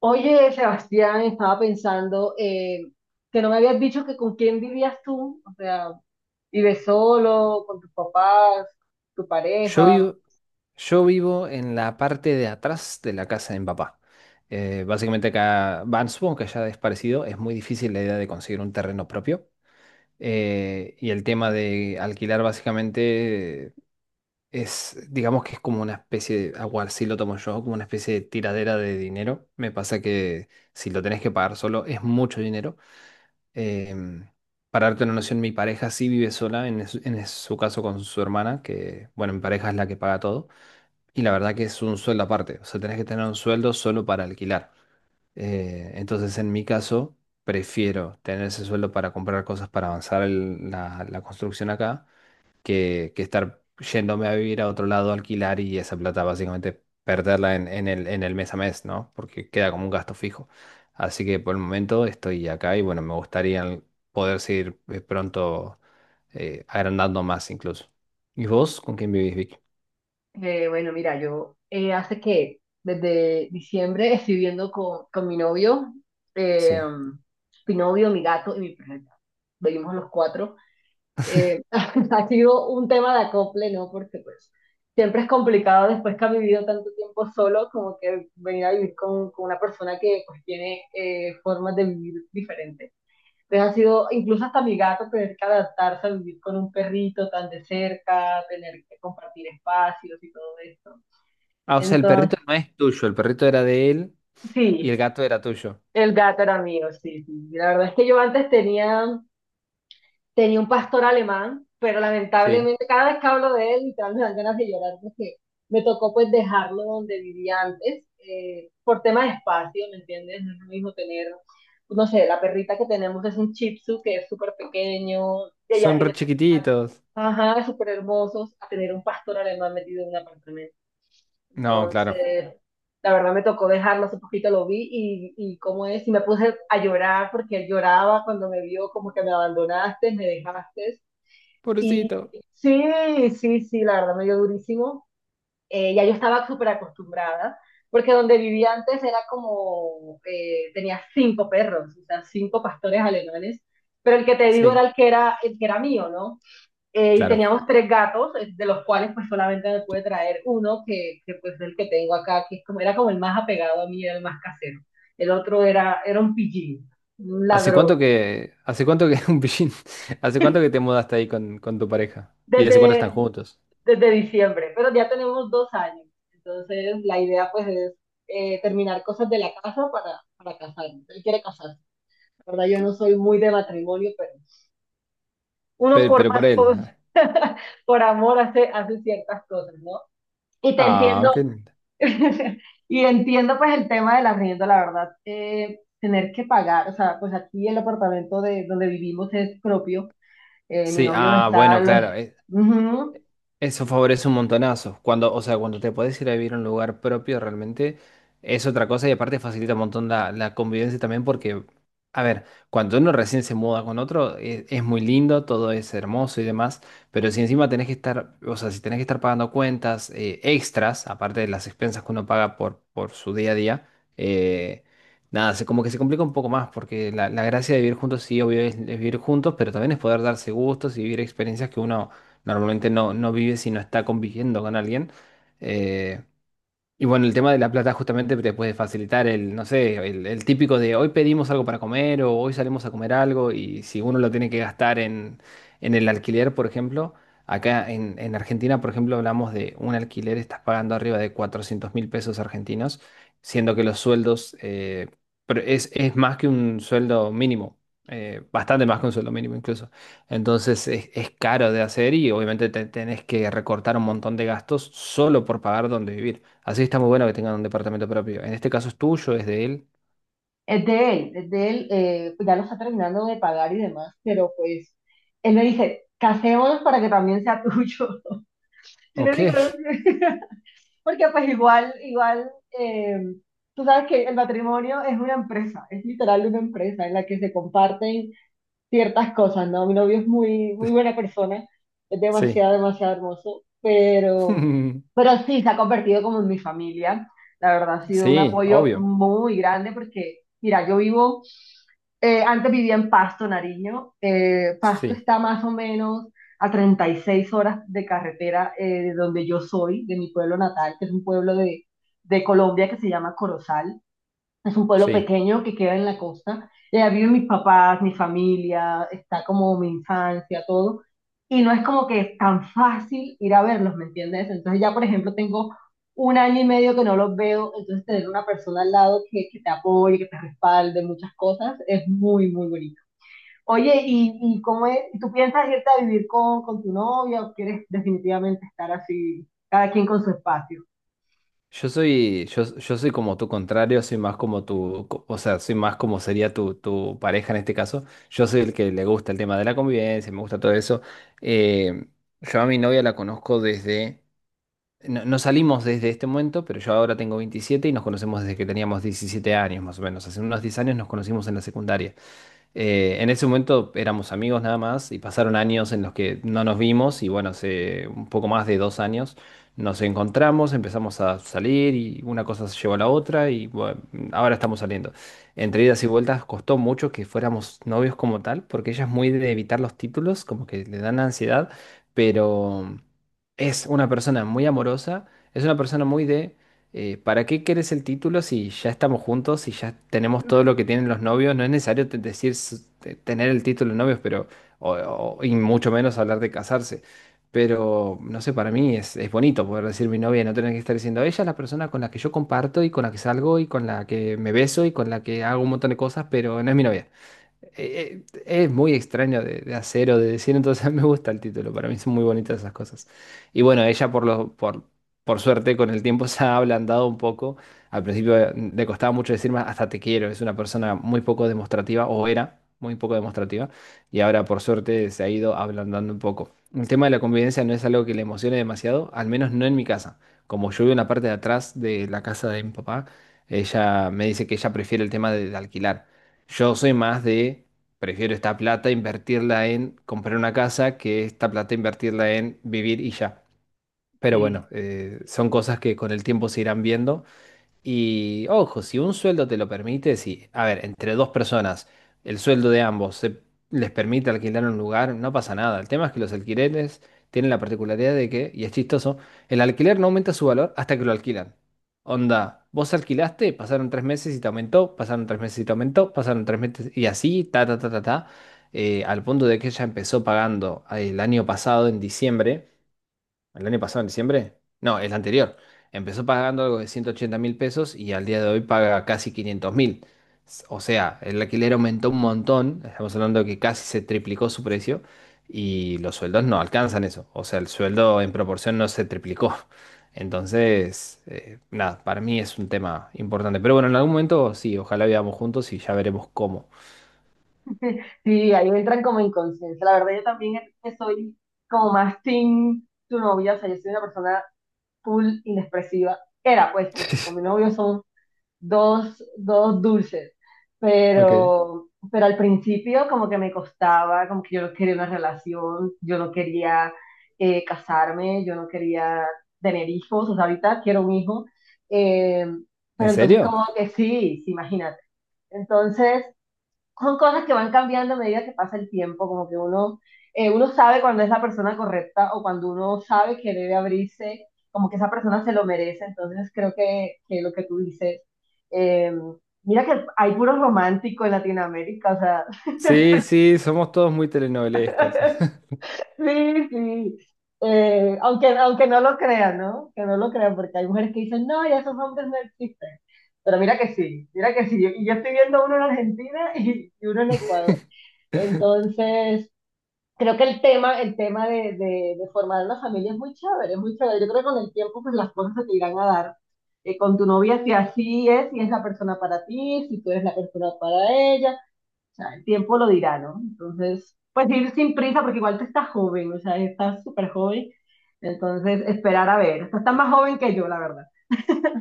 Oye, Sebastián, estaba pensando que no me habías dicho que con quién vivías tú, o sea, ¿vives solo, con tus papás, tu Yo pareja? vivo, yo vivo en la parte de atrás de la casa de mi papá. Básicamente acá, van, supongo que allá es parecido, es muy difícil la idea de conseguir un terreno propio. Y el tema de alquilar básicamente es, digamos que es como una especie de, agua, así lo tomo yo, como una especie de tiradera de dinero. Me pasa que si lo tenés que pagar solo es mucho dinero. Em, para darte una noción, mi pareja sí vive sola, en su caso con su hermana, que bueno, mi pareja es la que paga todo. Y la verdad que es un sueldo aparte, o sea, tenés que tener un sueldo solo para alquilar. Entonces, en mi caso, prefiero tener ese sueldo para comprar cosas para avanzar la construcción acá, que estar yéndome a vivir a otro lado, a alquilar y esa plata básicamente perderla en el mes a mes, ¿no? Porque queda como un gasto fijo. Así que por el momento estoy acá y bueno, me gustaría poder seguir pronto agrandando más incluso. ¿Y vos con quién vivís, Vicky? Bueno, mira, yo hace que desde diciembre estoy viviendo con mi novio, eh, Sí. mi novio, mi gato y mi perrita. Vivimos los cuatro. Ha sido un tema de acople, ¿no? Porque pues siempre es complicado después que ha vivido tanto tiempo solo, como que venir a vivir con una persona que pues tiene formas de vivir diferentes. Entonces ha sido, incluso hasta mi gato, tener que adaptarse a vivir con un perrito tan de cerca, tener que compartir espacios y todo esto. Ah, o sea, el Entonces, perrito no es tuyo, el perrito era de él y sí, el gato era tuyo. el gato era mío, sí, sí. La verdad es que yo antes tenía tenía un pastor alemán, pero Sí. lamentablemente cada vez que hablo de él, literalmente me dan ganas de llorar porque me tocó pues dejarlo donde vivía antes, por tema de espacio, ¿me entiendes? No es lo mismo tener, no sé, la perrita que tenemos es un Shih Tzu que es súper pequeño, que ya Son re tiene, chiquititos. ajá, súper hermosos, a tener un pastor alemán metido en un apartamento. No, claro. Entonces, la verdad me tocó dejarlo, hace poquito lo vi y cómo es, y me puse a llorar porque él lloraba cuando me vio como que me abandonaste, me dejaste. Y Pobrecito. sí, sí, sí, la verdad me dio durísimo. Ya yo estaba súper acostumbrada, porque donde vivía antes era como, tenía cinco perros, o sea, cinco pastores alemanes, pero el que te digo era Sí, el que era, el que era mío, ¿no? Y claro. teníamos tres gatos, de los cuales pues solamente me pude traer uno, pues es el que tengo acá, que es como, era como el más apegado a mí, era el más casero. El otro era, era un pillín, un ¿Hace ladrón, cuánto que, hace cuánto que un pillín, hace cuánto que te mudaste ahí con tu pareja? ¿Y hace cuánto desde, están juntos? desde diciembre, pero ya tenemos dos años. Entonces la idea pues es terminar cosas de la casa para casarnos. Él quiere casarse. La verdad, yo no soy muy de matrimonio, pero uno por, Pero por él. Por amor hace, hace ciertas cosas, ¿no? Y te entiendo, Ah, qué lindo. y entiendo pues el tema del arriendo, la verdad, tener que pagar, o sea, pues aquí el apartamento de donde vivimos es propio, mi Sí, novio lo ah, está, bueno, lo, claro. Ujú, Eso favorece un montonazo. Cuando, o sea, cuando te podés ir a vivir a un lugar propio, realmente es otra cosa y aparte facilita un montón la convivencia también porque, a ver, cuando uno recién se muda con otro, es muy lindo, todo es hermoso y demás, pero si encima tenés que estar, o sea, si tenés que estar pagando cuentas extras, aparte de las expensas que uno paga por su día a día, eh, nada, se, como que se complica un poco más porque la gracia de vivir juntos, sí, obvio, es vivir juntos, pero también es poder darse gustos y vivir experiencias que uno normalmente no vive si no está conviviendo con alguien. Eh, y bueno, el tema de la plata justamente te puede facilitar el, no sé, el típico de hoy pedimos algo para comer o hoy salimos a comer algo y si uno lo tiene que gastar en el alquiler, por ejemplo, acá en Argentina, por ejemplo, hablamos de un alquiler, estás pagando arriba de 400.000 pesos argentinos, siendo que los sueldos, pero es más que un sueldo mínimo, bastante más que un sueldo mínimo incluso. Entonces es caro de hacer y obviamente te tenés que recortar un montón de gastos solo por pagar donde vivir. Así está muy bueno que tengan un departamento propio. En este caso es tuyo, es de él. Es de él, pues ya lo está terminando de pagar y demás, pero pues él me dice, casémonos para que también sea tuyo. Yo le Ok, digo, porque pues igual, igual, eh, tú sabes que el matrimonio es una empresa, es literal una empresa en la que se comparten ciertas cosas, ¿no? Mi novio es muy, muy buena persona, es sí. demasiado, demasiado hermoso, pero sí, se ha convertido como en mi familia. La verdad, ha sido un Sí, apoyo obvio. muy grande porque, mira, yo vivo, antes vivía en Pasto, Nariño. Pasto Sí, está más o menos a 36 horas de carretera de donde yo soy, de mi pueblo natal, que es un pueblo de Colombia que se llama Corozal. Es un pueblo sí. pequeño que queda en la costa. Y allá viven mis papás, mi familia, está como mi infancia, todo. Y no es como que es tan fácil ir a verlos, ¿me entiendes? Entonces ya, por ejemplo, tengo un año y medio que no los veo, entonces tener una persona al lado que te apoye, que te respalde, muchas cosas, es muy, muy bonito. Oye, y cómo es? ¿Tú piensas irte a vivir con tu novia o quieres definitivamente estar así, cada quien con su espacio? Yo soy como tu contrario, soy más como tu, o sea, soy más como sería tu, tu pareja en este caso. Yo soy el que le gusta el tema de la convivencia, me gusta todo eso. Eh, yo a mi novia la conozco desde, no salimos desde este momento, pero yo ahora tengo 27 y nos conocemos desde que teníamos 17 años más o menos. Hace unos 10 años nos conocimos en la secundaria. En ese momento éramos amigos nada más y pasaron años en los que no nos vimos y bueno, hace un poco más de dos años nos encontramos, empezamos a salir y una cosa se llevó a la otra y bueno, ahora estamos saliendo. Entre idas y vueltas costó mucho que fuéramos novios como tal, porque ella es muy de evitar los títulos, como que le dan ansiedad, pero es una persona muy amorosa, es una persona muy de ¿para qué quieres el título si ya estamos juntos, si ya tenemos todo lo que tienen los novios? No es necesario decir tener el título de novios, pero, y mucho menos hablar de casarse. Pero, no sé, para mí es bonito poder decir mi novia y no tener que estar diciendo, ella es la persona con la que yo comparto y con la que salgo y con la que me beso y con la que hago un montón de cosas, pero no es mi novia es muy extraño de hacer o de decir, entonces me gusta el título, para mí son muy bonitas esas cosas. Y bueno, ella por lo, por suerte con el tiempo se ha ablandado un poco. Al principio le costaba mucho decirme hasta te quiero, es una persona muy poco demostrativa, o era muy poco demostrativa, y ahora por suerte se ha ido ablandando un poco. El tema de la convivencia no es algo que le emocione demasiado, al menos no en mi casa. Como yo vivo en la parte de atrás de la casa de mi papá, ella me dice que ella prefiere el tema de alquilar. Yo soy más de, prefiero esta plata invertirla en comprar una casa que esta plata invertirla en vivir y ya. Pero bueno, son cosas que con el tiempo se irán viendo. Y ojo, si un sueldo te lo permite, si, a ver, entre dos personas, el sueldo de ambos se, les permite alquilar un lugar, no pasa nada. El tema es que los alquileres tienen la particularidad de que, y es chistoso, el alquiler no aumenta su valor hasta que lo alquilan. Onda, vos alquilaste, pasaron tres meses y te aumentó, pasaron tres meses y te aumentó, pasaron tres meses y así, ta, ta, ta, ta, ta, al punto de que ella empezó pagando el año pasado, en diciembre. ¿El año pasado, en diciembre? No, el anterior. Empezó pagando algo de 180.000 pesos y al día de hoy paga casi 500.000. O sea, el alquiler aumentó un montón. Estamos hablando de que casi se triplicó su precio y los sueldos no alcanzan eso. O sea, el sueldo en proporción no se triplicó. Entonces, nada, para mí es un tema importante. Pero bueno, en algún momento sí, ojalá vivamos juntos y ya veremos cómo. Sí, ahí entran como inconsciencia. La verdad, yo también que soy como más team tu novia, o sea, yo soy una persona full inexpresiva. Era pues, porque con mi novio son dos, dos dulces. Ok. Pero al principio como que me costaba, como que yo no quería una relación, yo no quería casarme, yo no quería tener hijos, o sea, ahorita quiero un hijo. Eh, ¿En pero entonces serio? como que sí, sí, imagínate. Entonces son cosas que van cambiando a medida que pasa el tiempo, como que uno, uno sabe cuando es la persona correcta o cuando uno sabe que debe abrirse, como que esa persona se lo merece, entonces creo que lo que tú dices, eh, mira que hay puro romántico en Latinoamérica, o sea, Sí, sí, somos todos muy telenovelescos. sí, sí, aunque, aunque no lo crean, ¿no? Que no lo crean, porque hay mujeres que dicen, no, ya esos hombres no existen. Pero mira que sí, mira que sí. Y yo estoy viendo uno en Argentina y uno en Ecuador. Entonces, creo que el tema de formar una familia es muy chévere, es muy chévere. Yo creo que con el tiempo pues las cosas se te irán a dar. Con tu novia, si así es, si es la persona para ti, si tú eres la persona para ella, o sea, el tiempo lo dirá, ¿no? Entonces, pues ir sin prisa, porque igual tú estás joven, o sea, estás súper joven, entonces esperar a ver. Tú estás más joven que yo, la verdad.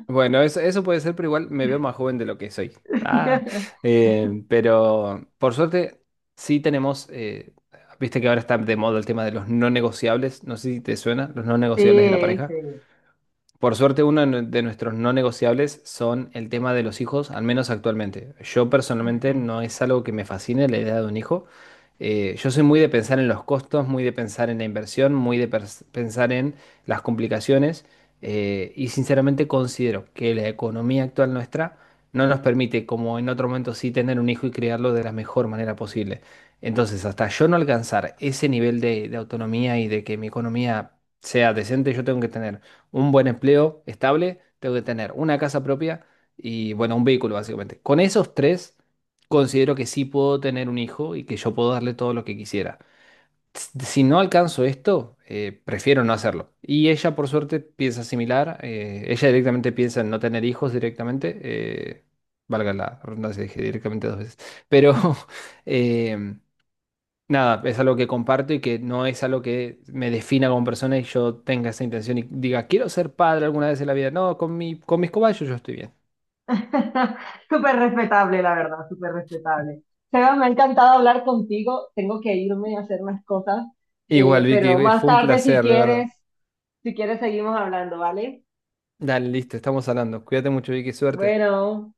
Bueno, eso puede ser, pero igual me veo más joven de lo que soy. Ah, pero por suerte sí tenemos, viste que ahora está de moda el tema de los no negociables, no sé si te suena, los no negociables de la Sí, sí. pareja. Por suerte, uno de nuestros no negociables son el tema de los hijos, al menos actualmente. Yo personalmente no es algo que me fascine la idea de un hijo. Yo soy muy de pensar en los costos, muy de pensar en la inversión, muy de pensar en las complicaciones y sinceramente considero que la economía actual nuestra no nos permite, como en otro momento sí, tener un hijo y criarlo de la mejor manera posible. Entonces, hasta yo no alcanzar ese nivel de autonomía y de que mi economía sea decente, yo tengo que tener un buen empleo estable, tengo que tener una casa propia y, bueno, un vehículo, básicamente. Con esos tres, considero que sí puedo tener un hijo y que yo puedo darle todo lo que quisiera. Si no alcanzo esto, prefiero no hacerlo. Y ella, por suerte, piensa similar. Ella directamente piensa en no tener hijos directamente. Valga la redundancia, dije directamente dos veces. Pero em, nada, es algo que comparto y que no es algo que me defina como persona y yo tenga esa intención y diga, quiero ser padre alguna vez en la vida. No, con mi, con mis cobayos yo estoy bien. Súper respetable, la verdad, súper respetable. Sebas, me ha encantado hablar contigo. Tengo que irme a hacer unas cosas, Igual, Vicky, pero más fue un tarde, si placer, de verdad. quieres, si quieres, seguimos hablando, ¿vale? Dale, listo, estamos hablando. Cuídate mucho, Vicky, suerte. Bueno.